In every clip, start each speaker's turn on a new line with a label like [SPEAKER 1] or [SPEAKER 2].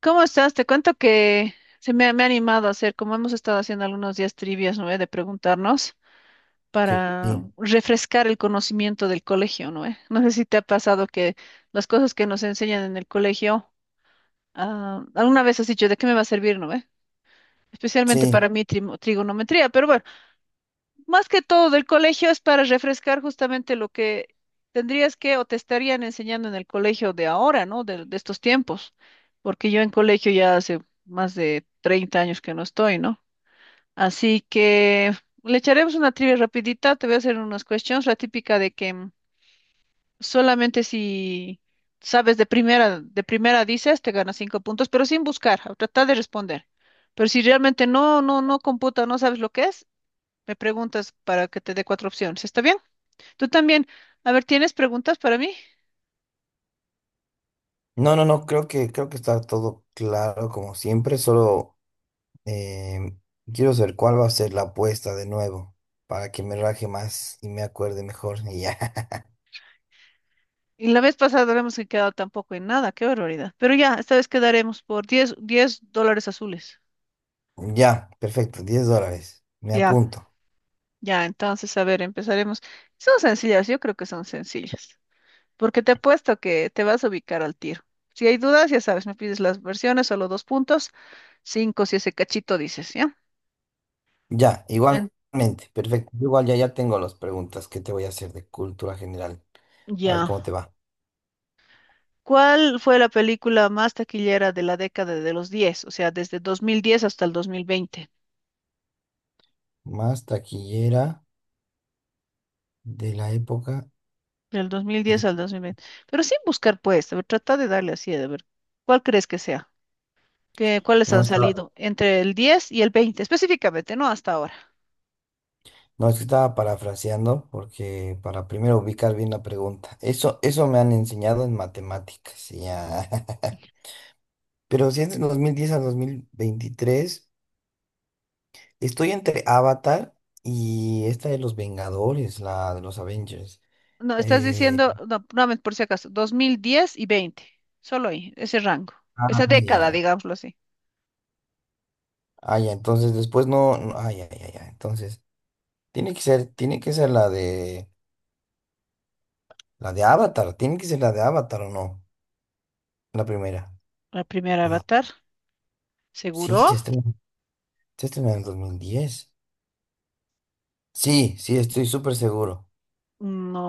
[SPEAKER 1] ¿Cómo estás? Te cuento que se me ha animado a hacer, como hemos estado haciendo algunos días, trivias, ¿no? De preguntarnos
[SPEAKER 2] Sí,
[SPEAKER 1] para
[SPEAKER 2] sí,
[SPEAKER 1] refrescar el conocimiento del colegio, ¿no? No sé si te ha pasado que las cosas que nos enseñan en el colegio, alguna vez has dicho, ¿de qué me va a servir? ¿No? Especialmente
[SPEAKER 2] sí.
[SPEAKER 1] para mí, trigonometría, pero bueno, más que todo del colegio es para refrescar justamente lo que tendrías que o te estarían enseñando en el colegio de ahora, ¿no? De estos tiempos, porque yo en colegio ya hace más de 30 años que no estoy, ¿no? Así que le echaremos una trivia rapidita, te voy a hacer unas cuestiones, la típica de que, solamente si sabes de primera, dices, te ganas cinco puntos, pero sin buscar, a tratar de responder. Pero si realmente no computa, no sabes lo que es, me preguntas para que te dé cuatro opciones. ¿Está bien? Tú también. A ver, ¿tienes preguntas para mí?
[SPEAKER 2] No, creo que está todo claro como siempre. Solo eh, quiero saber cuál va a ser la apuesta de nuevo, para que me raje más y me acuerde mejor. Y ya.
[SPEAKER 1] Y la vez pasada no hemos quedado tampoco en nada. Qué barbaridad. Pero ya, esta vez quedaremos por diez dólares azules.
[SPEAKER 2] Ya, perfecto. 10 dólares, me
[SPEAKER 1] Ya,
[SPEAKER 2] apunto.
[SPEAKER 1] ya. Entonces, a ver, empezaremos. Son sencillas, yo creo que son sencillas. Porque te apuesto que te vas a ubicar al tiro. Si hay dudas, ya sabes, me pides las versiones, solo dos puntos. Cinco si ese cachito dices, ¿ya?
[SPEAKER 2] Ya,
[SPEAKER 1] En-
[SPEAKER 2] igualmente, perfecto. Yo igual ya tengo las preguntas que te voy a hacer de cultura general. A ver
[SPEAKER 1] ya.
[SPEAKER 2] cómo te va.
[SPEAKER 1] ¿Cuál fue la película más taquillera de la década de los diez? O sea, desde 2010 hasta el 2020.
[SPEAKER 2] Más taquillera de la época
[SPEAKER 1] Del 2010
[SPEAKER 2] de...
[SPEAKER 1] al 2020. Pero sin buscar, pues, a ver, trata de darle así, a ver, ¿cuál crees que sea? ¿Qué, cuáles
[SPEAKER 2] No,
[SPEAKER 1] han
[SPEAKER 2] está
[SPEAKER 1] salido entre el 10 y el 20, específicamente, no hasta ahora?
[SPEAKER 2] No, es que estaba parafraseando porque para primero ubicar bien la pregunta. Eso me han enseñado en matemáticas. Ya. Pero si es de 2010 a 2023, estoy entre Avatar y esta de los Vengadores, la de los Avengers.
[SPEAKER 1] No, estás
[SPEAKER 2] Eh,
[SPEAKER 1] diciendo, no, nuevamente, por si acaso, 2010 y 20. Solo ahí, ese rango. Esa
[SPEAKER 2] ya.
[SPEAKER 1] década, digámoslo así.
[SPEAKER 2] Ah, ya, entonces después no, no- ah, ya. Entonces, tiene que ser la de Avatar. Tiene que ser la de Avatar, o no, la primera.
[SPEAKER 1] La primera
[SPEAKER 2] Bueno,
[SPEAKER 1] Avatar,
[SPEAKER 2] sí,
[SPEAKER 1] seguro.
[SPEAKER 2] se estrena en el 2010. Sí, sí, estoy súper seguro.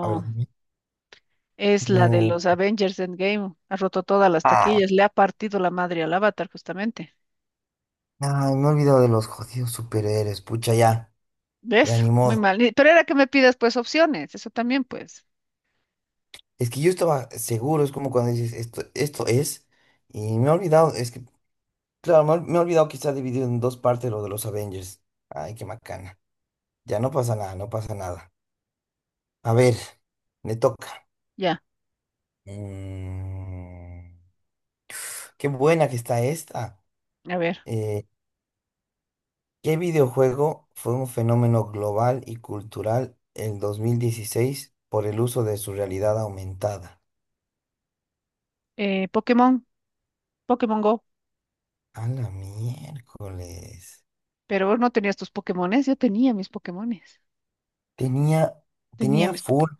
[SPEAKER 2] A ver, dime.
[SPEAKER 1] Es la de
[SPEAKER 2] No.
[SPEAKER 1] los Avengers Endgame. Ha roto todas las
[SPEAKER 2] Ah,
[SPEAKER 1] taquillas. Le ha partido la madre al Avatar, justamente.
[SPEAKER 2] no, me he olvidado de los jodidos superhéroes. Pucha, ya, ya
[SPEAKER 1] ¿Ves?
[SPEAKER 2] ni
[SPEAKER 1] Muy
[SPEAKER 2] modo.
[SPEAKER 1] mal. Y- pero era que me pidas, pues, opciones. Eso también, pues.
[SPEAKER 2] Es que yo estaba seguro, es como cuando dices esto es, y me he olvidado. Es que, claro, me he olvidado que está dividido en dos partes lo de los Avengers. Ay, qué macana. Ya, no pasa nada, no pasa nada. A ver, me toca.
[SPEAKER 1] Ya.
[SPEAKER 2] Mm, qué buena que está esta.
[SPEAKER 1] A ver.
[SPEAKER 2] Eh, ¿Qué videojuego fue un fenómeno global y cultural en 2016 por el uso de su realidad aumentada?
[SPEAKER 1] Pokémon. Pokémon Go.
[SPEAKER 2] A la miércoles.
[SPEAKER 1] Pero vos no tenías tus Pokémones. Yo tenía mis Pokémones.
[SPEAKER 2] Tenía,
[SPEAKER 1] Tenía
[SPEAKER 2] tenía
[SPEAKER 1] mis
[SPEAKER 2] full.
[SPEAKER 1] Pokémon.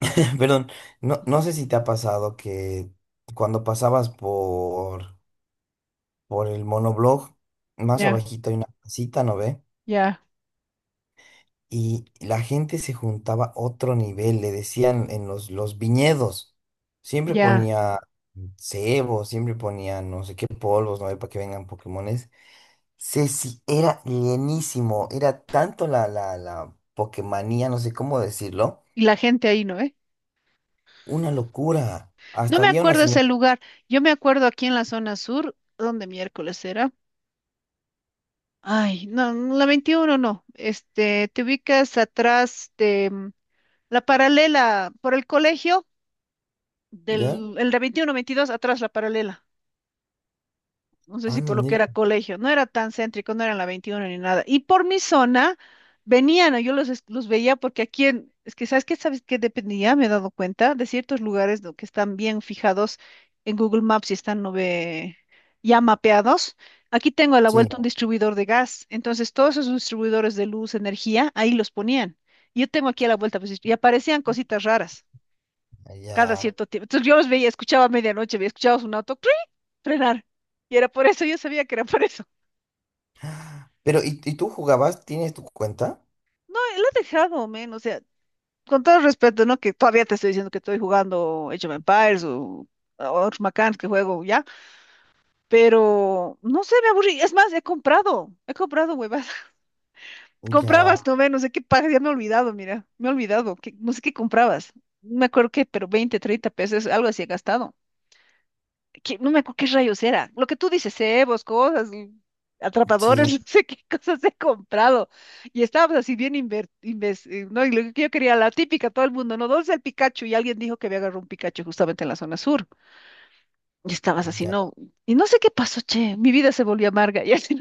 [SPEAKER 2] Perdón, no no sé si te ha pasado que cuando por el monoblog, más
[SPEAKER 1] Ya,
[SPEAKER 2] abajito hay una casita, ¿no ve?
[SPEAKER 1] ya,
[SPEAKER 2] Y la gente se juntaba a otro nivel, le decían en los viñedos, siempre
[SPEAKER 1] ya.
[SPEAKER 2] ponía cebo, siempre ponía no sé qué polvos, no hay para que vengan Pokémones. Sí, sí, era llenísimo, era tanto la Pokémonía, no sé cómo decirlo,
[SPEAKER 1] Y la gente ahí, ¿no? ¿Eh?
[SPEAKER 2] una locura.
[SPEAKER 1] No
[SPEAKER 2] Hasta
[SPEAKER 1] me
[SPEAKER 2] había una
[SPEAKER 1] acuerdo ese
[SPEAKER 2] señora.
[SPEAKER 1] lugar. Yo me acuerdo aquí en la zona sur, donde miércoles era. Ay, no, la 21 no. Este, te ubicas atrás de. La paralela, por el colegio,
[SPEAKER 2] ¿Ya?
[SPEAKER 1] el de 21-22, atrás la paralela. No sé si
[SPEAKER 2] Ah, no,
[SPEAKER 1] por lo que
[SPEAKER 2] Nir-
[SPEAKER 1] era colegio, no era tan céntrico, no era en la 21 ni nada. Y por mi zona venían. Yo los, los veía, porque aquí en, es que sabes que dependía, me he dado cuenta, de ciertos lugares, ¿no?, que están bien fijados en Google Maps y están, no ve, ya mapeados. Aquí tengo a la
[SPEAKER 2] sí,
[SPEAKER 1] vuelta un distribuidor de gas, entonces todos esos distribuidores de luz, energía, ahí los ponían. Yo tengo aquí a la vuelta, pues, y aparecían cositas raras, cada
[SPEAKER 2] allá.
[SPEAKER 1] cierto tiempo. Entonces yo los veía, escuchaba a medianoche, veía, escuchaba un auto ¡cring! Frenar. Y era por eso, yo sabía que era por eso.
[SPEAKER 2] Pero, ¿y tú jugabas? ¿Tienes tu cuenta?
[SPEAKER 1] No, él ha dejado, men, o sea, con todo respeto, ¿no? Que todavía te estoy diciendo que estoy jugando Age of Empires o otros macanes que juego ya, pero no sé, me aburrí. Es más, he comprado huevas.
[SPEAKER 2] Ya,
[SPEAKER 1] Comprabas, no, men, no sé qué pagas, ya me he olvidado, mira, me he olvidado, que, no sé qué comprabas. No me acuerdo qué, pero 20, 30 pesos, algo así he gastado. No me acuerdo qué rayos era. Lo que tú dices, cebos, cosas, y atrapadores,
[SPEAKER 2] sí,
[SPEAKER 1] no sé qué cosas he comprado. Y estábamos así bien, ¿no? Y lo que yo quería, la típica, todo el mundo, ¿no? ¿Dónde está el Pikachu? Y alguien dijo que había agarrado un Pikachu justamente en la zona sur. Y estabas así,
[SPEAKER 2] ya.
[SPEAKER 1] no. Y no sé qué pasó, che. Mi vida se volvió amarga. Y así,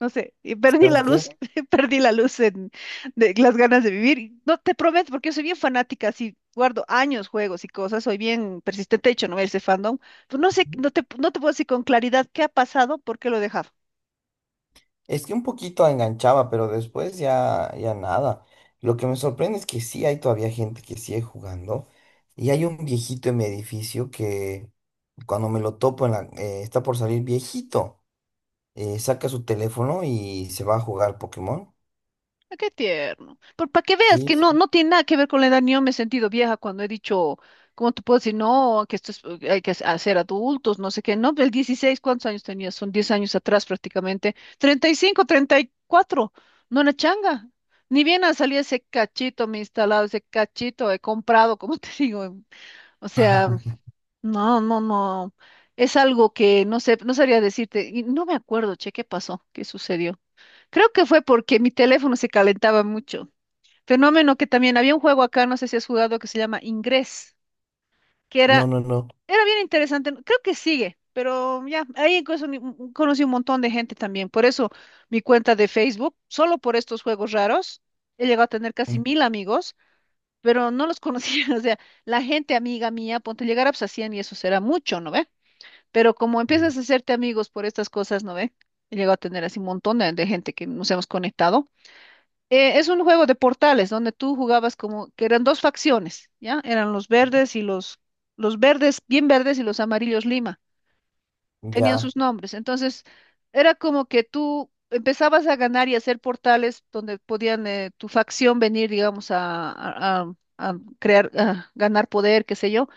[SPEAKER 1] no sé, y perdí la
[SPEAKER 2] ¿Sabes qué?
[SPEAKER 1] luz, perdí la luz en, de las ganas de vivir. Y no te prometo, porque yo soy bien fanática, así guardo años juegos y cosas, soy bien persistente, de hecho, no ese fandom. Pues no sé, no te puedo decir con claridad qué ha pasado, por qué lo he dejado.
[SPEAKER 2] Es que un poquito enganchaba, pero después ya, ya nada. Lo que me sorprende es que sí hay todavía gente que sigue jugando. Y hay un viejito en mi edificio que cuando me lo topo en está por salir viejito. Saca su teléfono y se va a jugar Pokémon.
[SPEAKER 1] Ah, qué tierno. Pero para que veas
[SPEAKER 2] Sí,
[SPEAKER 1] que
[SPEAKER 2] sí.
[SPEAKER 1] no, no tiene nada que ver con la edad, ni yo me he sentido vieja cuando he dicho, ¿cómo te puedo decir? No, que esto es, hay que hacer adultos, no sé qué. No, el 16, ¿cuántos años tenía? Son 10 años atrás, prácticamente. 30, 35, 34 No una changa. Ni bien ha salido ese cachito, me he instalado ese cachito, he comprado, como te digo. O sea, no, no, no. Es algo que no sé, no sabría decirte. Y no me acuerdo, che, ¿qué pasó? ¿Qué sucedió? Creo que fue porque mi teléfono se calentaba mucho. Fenómeno. Que también había un juego acá, no sé si has jugado, que se llama Ingrés, que
[SPEAKER 2] No,
[SPEAKER 1] era,
[SPEAKER 2] no, no.
[SPEAKER 1] era bien interesante. No, creo que sigue, pero ya, ahí incluso conocí un montón de gente también. Por eso mi cuenta de Facebook, solo por estos juegos raros, he llegado a tener casi 1.000 amigos, pero no los conocía. O sea, la gente amiga mía, ponte, llegar a pues, a 100 y eso será mucho, ¿no ve? Pero como
[SPEAKER 2] Mm.
[SPEAKER 1] empiezas a hacerte amigos por estas cosas, ¿no ve? He llegado a tener así un montón de gente que nos hemos conectado. Es un juego de portales donde tú jugabas como que eran dos facciones, ¿ya? Eran los verdes y los verdes, bien verdes, y los amarillos Lima. Tenían
[SPEAKER 2] Ya,
[SPEAKER 1] sus nombres. Entonces, era como que tú empezabas a ganar y hacer portales donde podían, tu facción venir, digamos, a crear, a ganar poder, qué sé yo.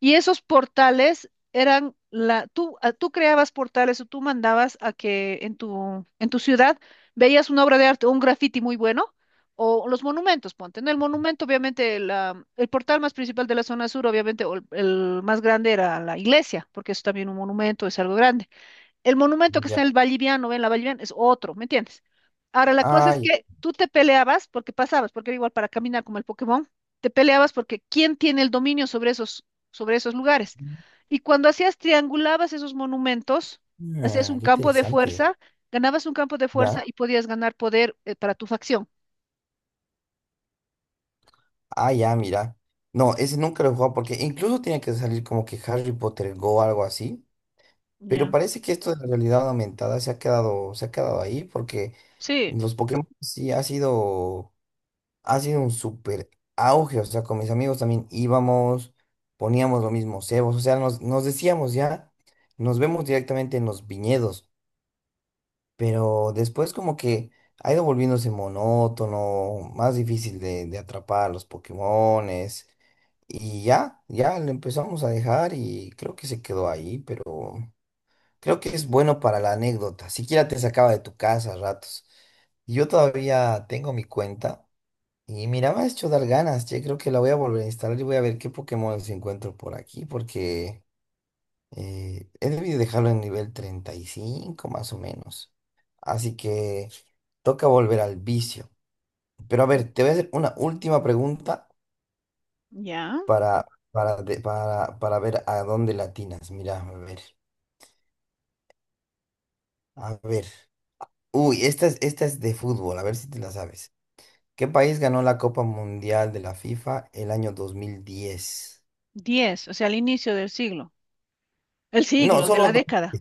[SPEAKER 1] Y esos portales eran la, tú, tú creabas portales, o tú mandabas a que en tu ciudad veías una obra de arte, un graffiti muy bueno, o los monumentos, ponte, ¿no? El monumento, obviamente, el portal más principal de la zona sur, obviamente, o el más grande era la iglesia, porque es también un monumento, es algo grande. El monumento que está
[SPEAKER 2] ya.
[SPEAKER 1] en el Valliviano, en la Valliviana, es otro, ¿me entiendes? Ahora, la cosa es
[SPEAKER 2] Ay,
[SPEAKER 1] que tú te peleabas, porque pasabas, porque era igual para caminar como el Pokémon, te peleabas porque quién tiene el dominio sobre esos lugares. Y cuando hacías, triangulabas esos monumentos, hacías
[SPEAKER 2] ah,
[SPEAKER 1] un
[SPEAKER 2] qué
[SPEAKER 1] campo de
[SPEAKER 2] interesante.
[SPEAKER 1] fuerza, ganabas un campo de
[SPEAKER 2] Ya.
[SPEAKER 1] fuerza y podías ganar poder, para tu facción.
[SPEAKER 2] Ah, ya, mira. No, ese nunca lo he jugado porque incluso tiene que salir como que Harry Potter Go o algo así. Pero
[SPEAKER 1] Ya.
[SPEAKER 2] parece que esto de la realidad aumentada se ha quedado ahí porque
[SPEAKER 1] Sí,
[SPEAKER 2] los Pokémon sí ha sido un súper auge. O sea, con mis amigos también íbamos, poníamos lo mismo cebos. O sea, nos decíamos ya, nos vemos directamente en los viñedos. Pero después como que ha ido volviéndose monótono, más difícil de atrapar los Pokémones. Y ya, ya lo empezamos a dejar y creo que se quedó ahí, pero... Creo que es bueno para la anécdota. Siquiera te sacaba de tu casa a ratos. Y yo todavía tengo mi cuenta. Y mira, me ha hecho dar ganas. Yo creo que la voy a volver a instalar y voy a ver qué Pokémon encuentro por aquí. Porque he debido dejarlo en nivel 35 más o menos. Así que toca volver al vicio. Pero a ver, te voy a hacer una última pregunta
[SPEAKER 1] ya.
[SPEAKER 2] para, para ver a dónde latinas. Mira, a ver. A ver. Uy, esta es de fútbol. A ver si te la sabes. ¿Qué país ganó la Copa Mundial de la FIFA el año 2010?
[SPEAKER 1] Diez, o sea, al inicio del siglo. El
[SPEAKER 2] No,
[SPEAKER 1] siglo, de
[SPEAKER 2] solo,
[SPEAKER 1] la
[SPEAKER 2] do-
[SPEAKER 1] década.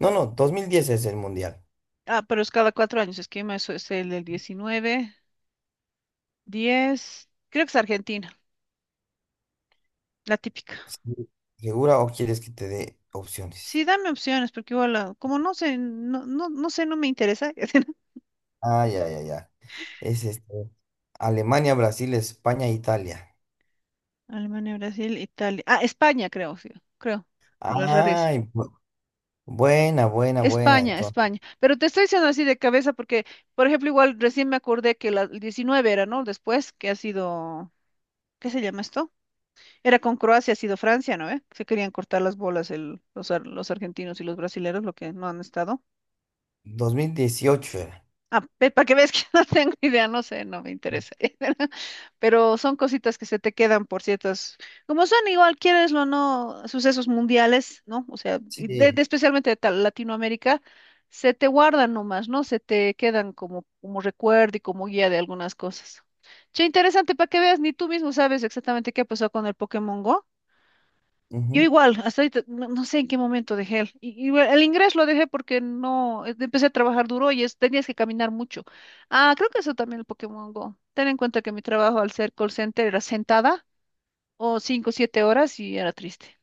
[SPEAKER 2] no, no, 2010 es el mundial.
[SPEAKER 1] Ah, pero es cada 4 años. Es que eso es el del 19, 10. Creo que es Argentina, la típica.
[SPEAKER 2] Sí. ¿Segura o quieres que te dé opciones?
[SPEAKER 1] Sí, dame opciones, porque igual, ah, como no sé, no, no, no sé, no me interesa.
[SPEAKER 2] Ah, ya. Es este, Alemania, Brasil, España, Italia.
[SPEAKER 1] Alemania, Brasil, Italia. Ah, España, creo, sí, creo. Por la rareza.
[SPEAKER 2] Ay, bu- buena, buena, buena.
[SPEAKER 1] España,
[SPEAKER 2] Entonces,
[SPEAKER 1] España. Pero te estoy diciendo así de cabeza porque, por ejemplo, igual recién me acordé que la, el 19 era, ¿no? Después, que ha sido, ¿qué se llama esto? Era con Croacia, ha sido Francia, ¿no? ¿Eh? Se querían cortar las bolas los argentinos y los brasileros, lo que no han estado.
[SPEAKER 2] 2018 era.
[SPEAKER 1] Ah, para que veas que no tengo idea, no sé, no me interesa. Pero son cositas que se te quedan por ciertas, como son igual, quieres o no, sucesos mundiales, ¿no? O sea, y
[SPEAKER 2] Sí.
[SPEAKER 1] especialmente Latinoamérica, se te guardan nomás, ¿no? Se te quedan como, como recuerdo y como guía de algunas cosas. Che, interesante, para que veas, ni tú mismo sabes exactamente qué pasó con el Pokémon Go. Yo
[SPEAKER 2] Ujú.
[SPEAKER 1] igual, hasta ahorita, no, no sé en qué momento dejé el, y bueno, el inglés lo dejé porque no, empecé a trabajar duro y es, tenías que caminar mucho. Ah, creo que eso también el Pokémon Go. Ten en cuenta que mi trabajo, al ser call center, era sentada o 5 o 7 horas, y era triste.